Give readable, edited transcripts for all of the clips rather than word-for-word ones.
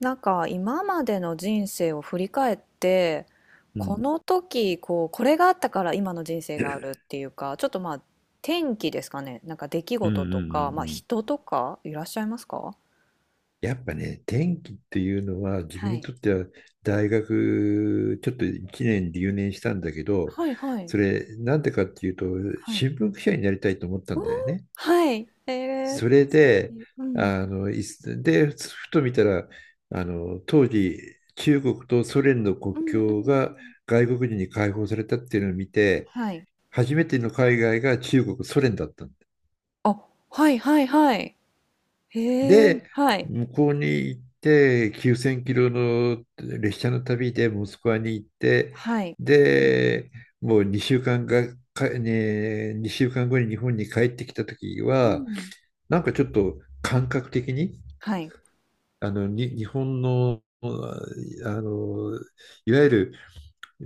なんか今までの人生を振り返ってうこん。の時こうこれがあったから今の人生があるっていうかちょっとまあ天気ですかねなんか出来うんう事んとうか、んまあ、う人ん。とかいらっしゃいますかやっぱね、天気っていうのは自分はにいとっては大学ちょっと1年留年したんだけど、はいはいそれなんでかっていうとはい新聞記者になりたいと思ったおんーだよね。はいー、それ素で、敵うんいすで、ふと見たら、当時中国とソ連のうん国うんう境がん外国人に解放されたっていうのを見て、はい初めての海外が中国、ソ連だった。あはいはいはいへえで、はい向こうに行って、9000キロの列車の旅でモスクワに行って、はいで、もう2週間後に日本に帰ってきた時うは、んなんかちょっと感覚的に、はい日本の、あの、いわゆる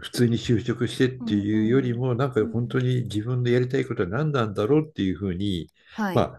普通に就職してっうてんういうよりんも、なんうか本ん当に自分のやりたいことは何なんだろうっていうふうに、はまいあ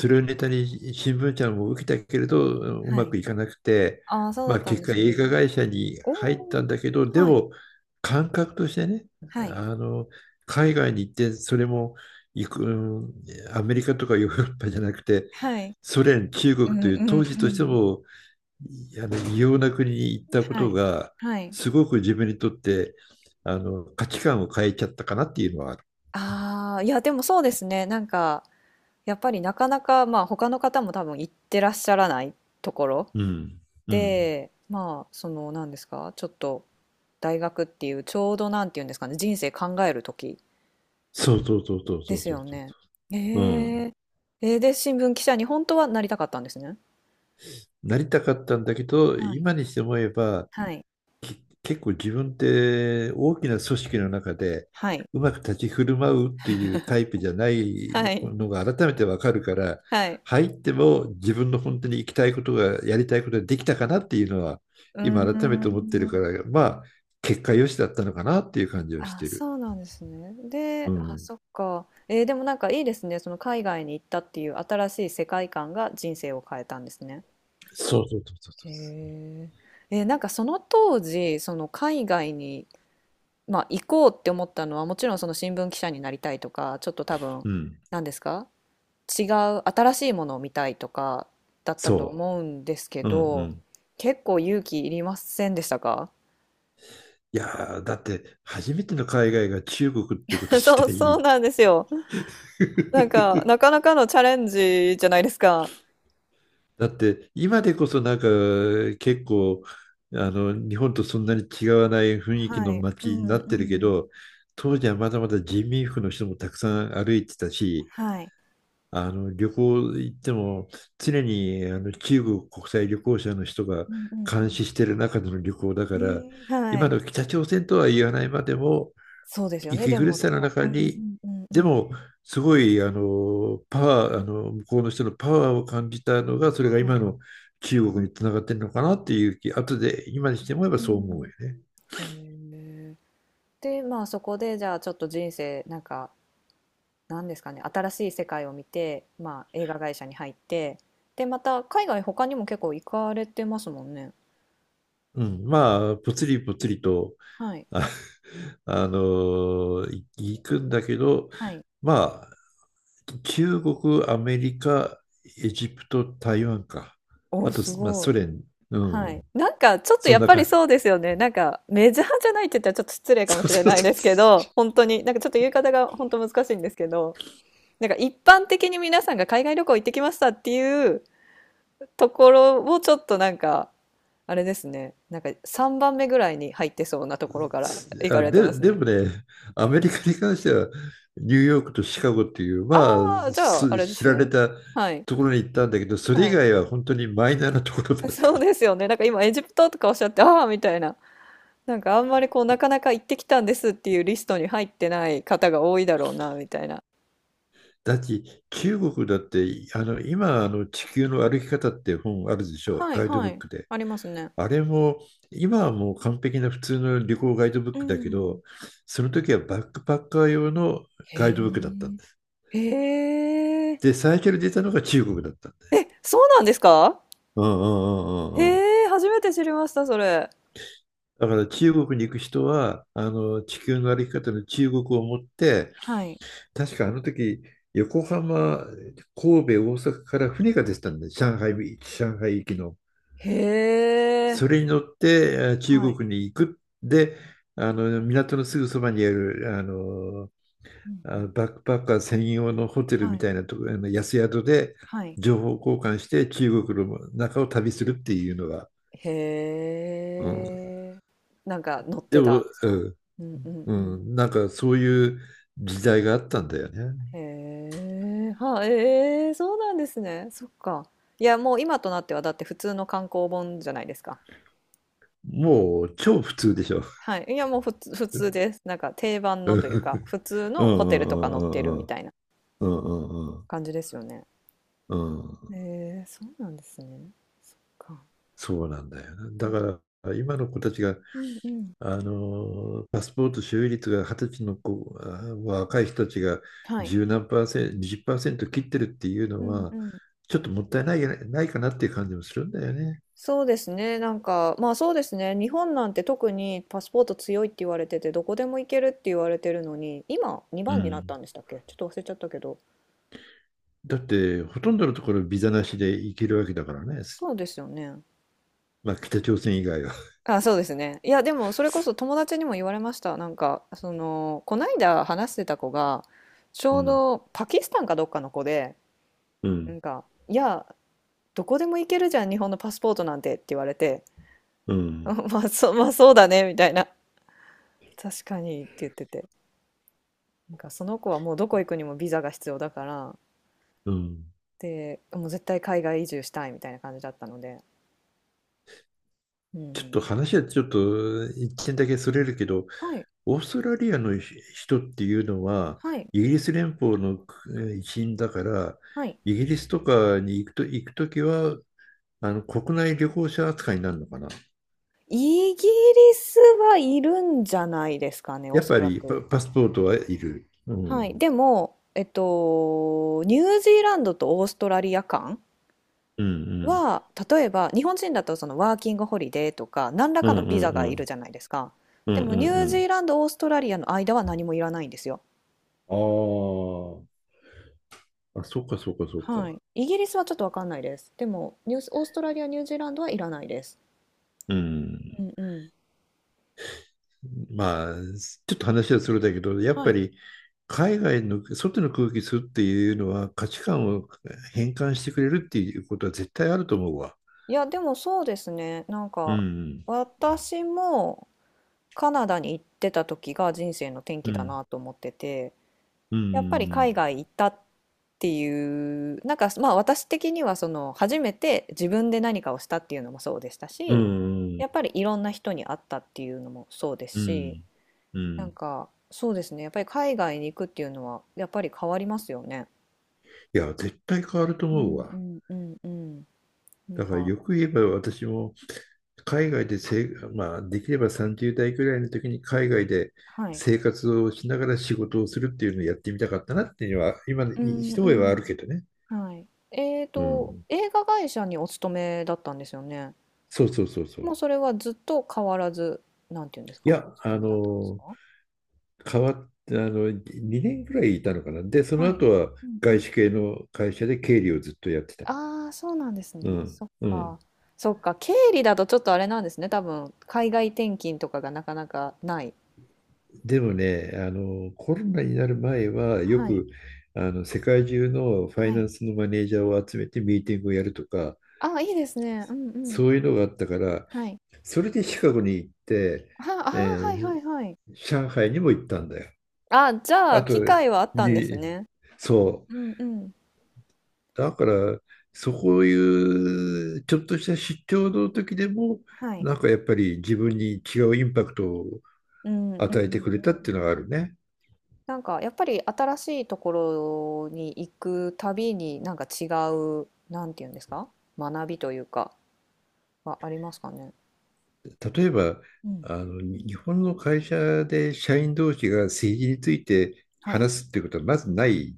それをネタに新聞社も受けたけれど、うはまいくいかなくて、ああ、そうだまっあ、たん結で果すね。映画会社にお入っお。たんだけど、ではい。も感覚としてね、はい。あの、海外に行ってそれも行く、うんアメリカとかヨーロッパじゃなくて、はい。ソ連、中う国とんういう当時んとうしてん。も異様な国に行ったこはとい。が、はい。すごく自分にとって価値観を変えちゃったかなっていうのはある。ああ、いや、でもそうですね。なんか、やっぱりなかなか、まあ、他の方も多分行ってらっしゃらないところうん。うん。で、まあ、その、なんですか、ちょっと大学っていう、ちょうどなんていうんですかね、人生考える時そうそうそうそうそでうすそようそね。えう。うん。え。で、新聞記者に本当はなりたかったんですね。なりたかったんだけど、今にして思えば、はい。結構自分って大きな組織の中ではい。うまく立ち振る舞うっていうタイプじゃないはい。のが改めてわかるから、はい。はい。入っても自分の本当に行きたいことが、やりたいことができたかなっていうのは、う今改めーて思ってるかん。ら、まあ、結果良しだったのかなっていう感じはしあ、てる。そうなんですね。うで、あ、ん。そっか。えーでもなんかいいですね。その海外に行ったっていう新しい世界観が人生を変えたんですね。そうそうそうそうへそえ。なんかその当時、その海外に、まあ、行こうって思ったのは、もちろんその新聞記者になりたいとか、ちょっと多分、う、うん。何ですか違う、新しいものを見たいとかだったとそ思うんですけう。うんうど、ん。結構勇気いりませんでしたか？ いやー、だって初めての海外が中国ってこと 自そう、そう体。 なんですよ。なんか、なかなかのチャレンジじゃないですか。だって今でこそなんか結構日本とそんなに違わない雰囲気はのい。う街にんなうってるけん。ど、当時はまだまだ人民服の人もたくさん歩いてたし、はい。旅行行っても常に中国国際旅行者の人がうんう監ん視してる中での旅行だうかん。ら、ええ、は今い。の北朝鮮とは言わないまでもそうですよね、息で苦もしなさんのかう中に、んうんうんでうん。も、すごい、あの、パワー、あの、向こうの人のパワーを感じたのが、それがは今い。の中国につながってるのかなっていう気、後で、今にしてもえばうそう思うん。よね。へえ。で、まあ、そこでじゃあちょっと人生、なんか、なんですかね、新しい世界を見て、まあ、映画会社に入って、で、また海外他にも結構行かれてますもんね。うん、まあ、ぽつりぽつりと、はい。あ、行くんだけど、はい。まあ、中国、アメリカ、エジプト、台湾か。おお、あと、すまあ、ごい。ソ連、うはい。ん、なんか、ちょっとそんやっなぱり感そうですよね。なんか、メジャーじゃないって言ったらちょっと失礼かじ。もそうしれそうないそう。ですけど、本当に、なんかちょっと言い方が本当難しいんですけど、なんか一般的に皆さんが海外旅行行ってきましたっていうところをちょっとなんか、あれですね。なんか3番目ぐらいに入ってそうなところから行かれてますでね。もね、アメリカに関しては、ニューヨークとシカゴっていう、まあ、ああ、じゃあ、あれで知すられね。たはい。ところに行ったんだけど、それ以はい。外は本当にマイナーなところばっ かそうり。ですよね。なんか今エジプトとかおっしゃって、ああ、みたいな。なんかあんまりこうなかなか行ってきたんですっていうリストに入ってない方が多いだろうなみたいな。だって中国だって、今、地球の歩き方って本あるでしょ、はいガイドはブッい。クで。ありますね。あれも、今はもう完璧な普通の旅行ガイドブッうクだけん。ど、その時はバックパッカー用のへガイドブックだったんえ。です。へえ。で、最初に出たのが中国だったんです。え、そうなんですか？うんうんうんうへんうん。え、初めて知りました、それ。だから中国に行く人は、あの地球の歩き方の中国を持って、はい。確かあの時、横浜、神戸、大阪から船が出てたんで、上海行きの。へえ。それに乗って中はい。国に行く。で、あの港のすぐそばにあるあのうんうあん。バックパッカー専用のホテルはみい。たいなとこ、あの安宿ではい。情報交換して中国の中を旅するっていうのが、へうん、え。なんか乗っでてたんも、ですうか？んうんうんううん。ん、なんかそういう時代があったんだよね。へえ、は、ええ、そうなんですね。そっか。いや、もう今となってはだって普通の観光本じゃないですか。もう超普通でしょ。はい。いや、もう普通、普通です。なんか定番 うのんというか、普通うんうのホテルとか載ってるんうみんたいなうんうんうん感じですよね。うん。へえ、そうなんですね。そっか。そうなんだよな。だから今の子たちが、うんうん。パスポート所有率が20歳の子、若い人たちがはい。10何パーセント、20%切ってるっていううのんうは、ん。ちょっともったいないないかなっていう感じもするんだよね。そうですね。なんか、まあそうですね。日本なんて特にパスポート強いって言われてて、どこでも行けるって言われてるのに、今う2番になっん。たんでしたっけ、ちょっと忘れちゃったけど。だって、ほとんどのところビザなしで行けるわけだからね。そうですよね。まあ、北朝鮮以外は。あ、そうですね。いや、でもそれこそ友達にも言われました。なんか、その、こないだ話してた子が、ちうょうん、どパキスタンかどっかの子で、うなん、んか、いや、どこでも行けるじゃん、日本のパスポートなんてって言われて、う ん、まあ、そう、まあそうだね、みたいな。確かにって言ってて。なんか、その子はもうどこ行くにもビザが必要だから、うん。で、もう絶対海外移住したいみたいな感じだったので。うちょっとん。話はちょっと一点だけそれるけど、はい、オーストラリアの人っていうのは、はい、イギリス連邦の一員だから、はい。イギリスとかに行くと、きは、あの国内旅行者扱いになるのかな。イギリスはいるんじゃないですかね、おやっそぱらりく。パスポートはいる。うはい。ん。でも、えっと、ニュージーランドとオーストラリア間うんうん。は、例えば、日本人だとそのワーキングホリデーとか、何らうかんのうビんザがういるん。じゃないですか。うでんも、うニんューうジーん。ランド、オーストラリアの間は何もいらないんですよ。ああ、そうかそうかそうはか。い。イギリスはちょっとわかんないです。でも、ニュース、オーストラリア、ニュージーランドはいらないです。ううん。んうん。まあ、ちょっと話はそれだけど、やっはぱい。り海外の外の空気吸うっていうのは価値観を変換してくれるっていうことは絶対あると思うわ。いや、でもそうですね。なんうか、ん、私も、カナダに行ってた時が人生の転う機だん、なと思ってて、うやっぱり海ん、外行ったっていう、なんかまあ私的にはその初めて自分で何かをしたっていうのもそうでしたうし、ん、やっぱりいろんな人に会ったっていうのもそうですうし、ん、うなんん。かそうですね、やっぱり海外に行くっていうのはやっぱり変わりますよね。いや、絶対変わるとう思うんうわ。んうんうん。なんだからか、よく言えば私も海外でせい、まあ、できれば30代くらいの時に海外ではい。生活をしながら仕事をするっていうのをやってみたかったなっていうのは、今、うん一う目はあるけん。どね。はい。うん。映画会社にお勤めだったんですよね。そうそうそうそう。いもうそれはずっと変わらず、なんていうんですか、おや、勤めだったんですか？変わって、2年ぐらいいたのかな。で、そのはい。後はうんうん。外資系の会社で経理をずっとやってた。ああ、そうなんですうね。ん。そっうか。ん。そっか。経理だとちょっとあれなんですね。多分、海外転勤とかがなかなかない。でもね、コロナになる前は、よはい。く、世界中のファはイナい。ンスのマネージャーを集めてミーティングをやるとか、ああ、いいですね。うんうん。そういうのがあったから、はい。それでシカゴに行って、は、ああ、えはいはいーはい。上海にも行ったんだよ。ああ、じゃああ、と、機会はあったんですに、ね。そうう、んうん。だから、そういうちょっとした出張の時でも、はい。なんかやっぱり自分に違うインパクトをうんうん与えてくれうたっていうのがあん。るね。なんかやっぱり新しいところに行くたびになんか違う、なんていうんですか、学びというかはありますかね。例えば、うん。日本の会社で社員同士が政治についてはい。話すってことはまずない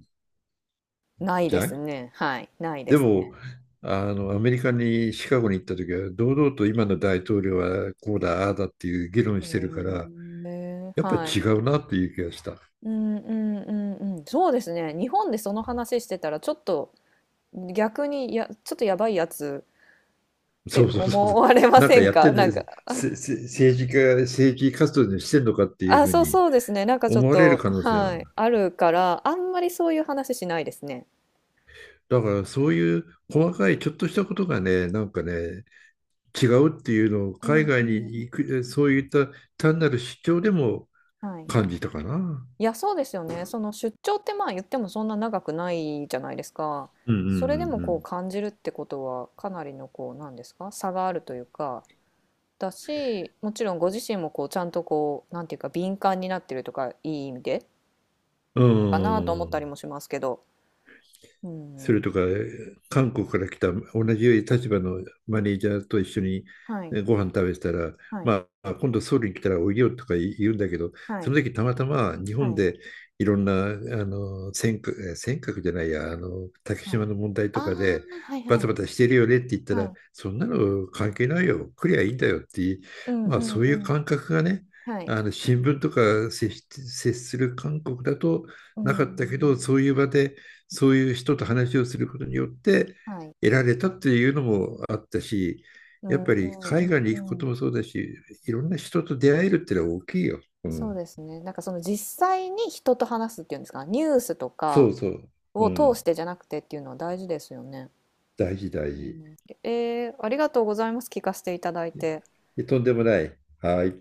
ないじでゃすん。ね。はい。ないでですね。も、アメリカにシカゴに行った時は、堂々と今の大統領はこうだ、ああだっていう議論へしてるから、え。やっぱりは違い。うなっていう気がした。うんうんうんうん。そうですね。日本でその話してたらちょっと逆にちょっとやばいやつっそてうそうそう思そう。われまなんせかんやってか？んなで、んか、あ、せ、せ、政治家、政治活動でしてんのかっていうあ、ふうそうにそうですね。なんかちょっ思われると、可能性はあはる。い。あるから、あんまりそういう話しないですね。だからそういう細かいちょっとしたことがね、なんかね、違うっていうのをう海んう外にん行く、そういった単なる主張でもはい。感じたかな。いや、そうですよね。その出張ってまあ言ってもそんな長くないじゃないですか。うんそれでもうこんう感じるってことはかなりのこうなんですか、差があるというかだし、もちろんご自身もこうちゃんとこうなんていうか、敏感になってるとかいい意味でうんのかなとう思ん。っうたりん。もしますけど。うそんれとか、韓国から来た同じ立場のマネージャーと一緒にはいねご飯食べてたら、はいまあ、今度ソウルに来たらおいでよとか言うんだけど、はそいの時たまたま日は本いでいろんな、尖閣、尖閣じゃないや、竹はい。島の問題あとかで、あはいバはタいバタしてるよねって言ったはら、い。そんなの関係ないよ、来りゃいいんだよっていう、うんまあうんそうういうん感覚がね、はい。あの新聞とか接する韓国だとうなかんったけど、そういう場でそういう人と話をすることによってはい。得られたっていうのもあったし、うやっんうぱりん海外にう行くこんうとん。もそうだし、いろんな人と出会えるってのは大きいよ。うそうん、ですね。なんかその実際に人と話すっていうんですか、ニュースとそかうそう、うを通しん、てじゃなくてっていうのは大事ですよね。大事う大事。ん。ありがとうございます。聞かせていただいて。とんでもない。はい。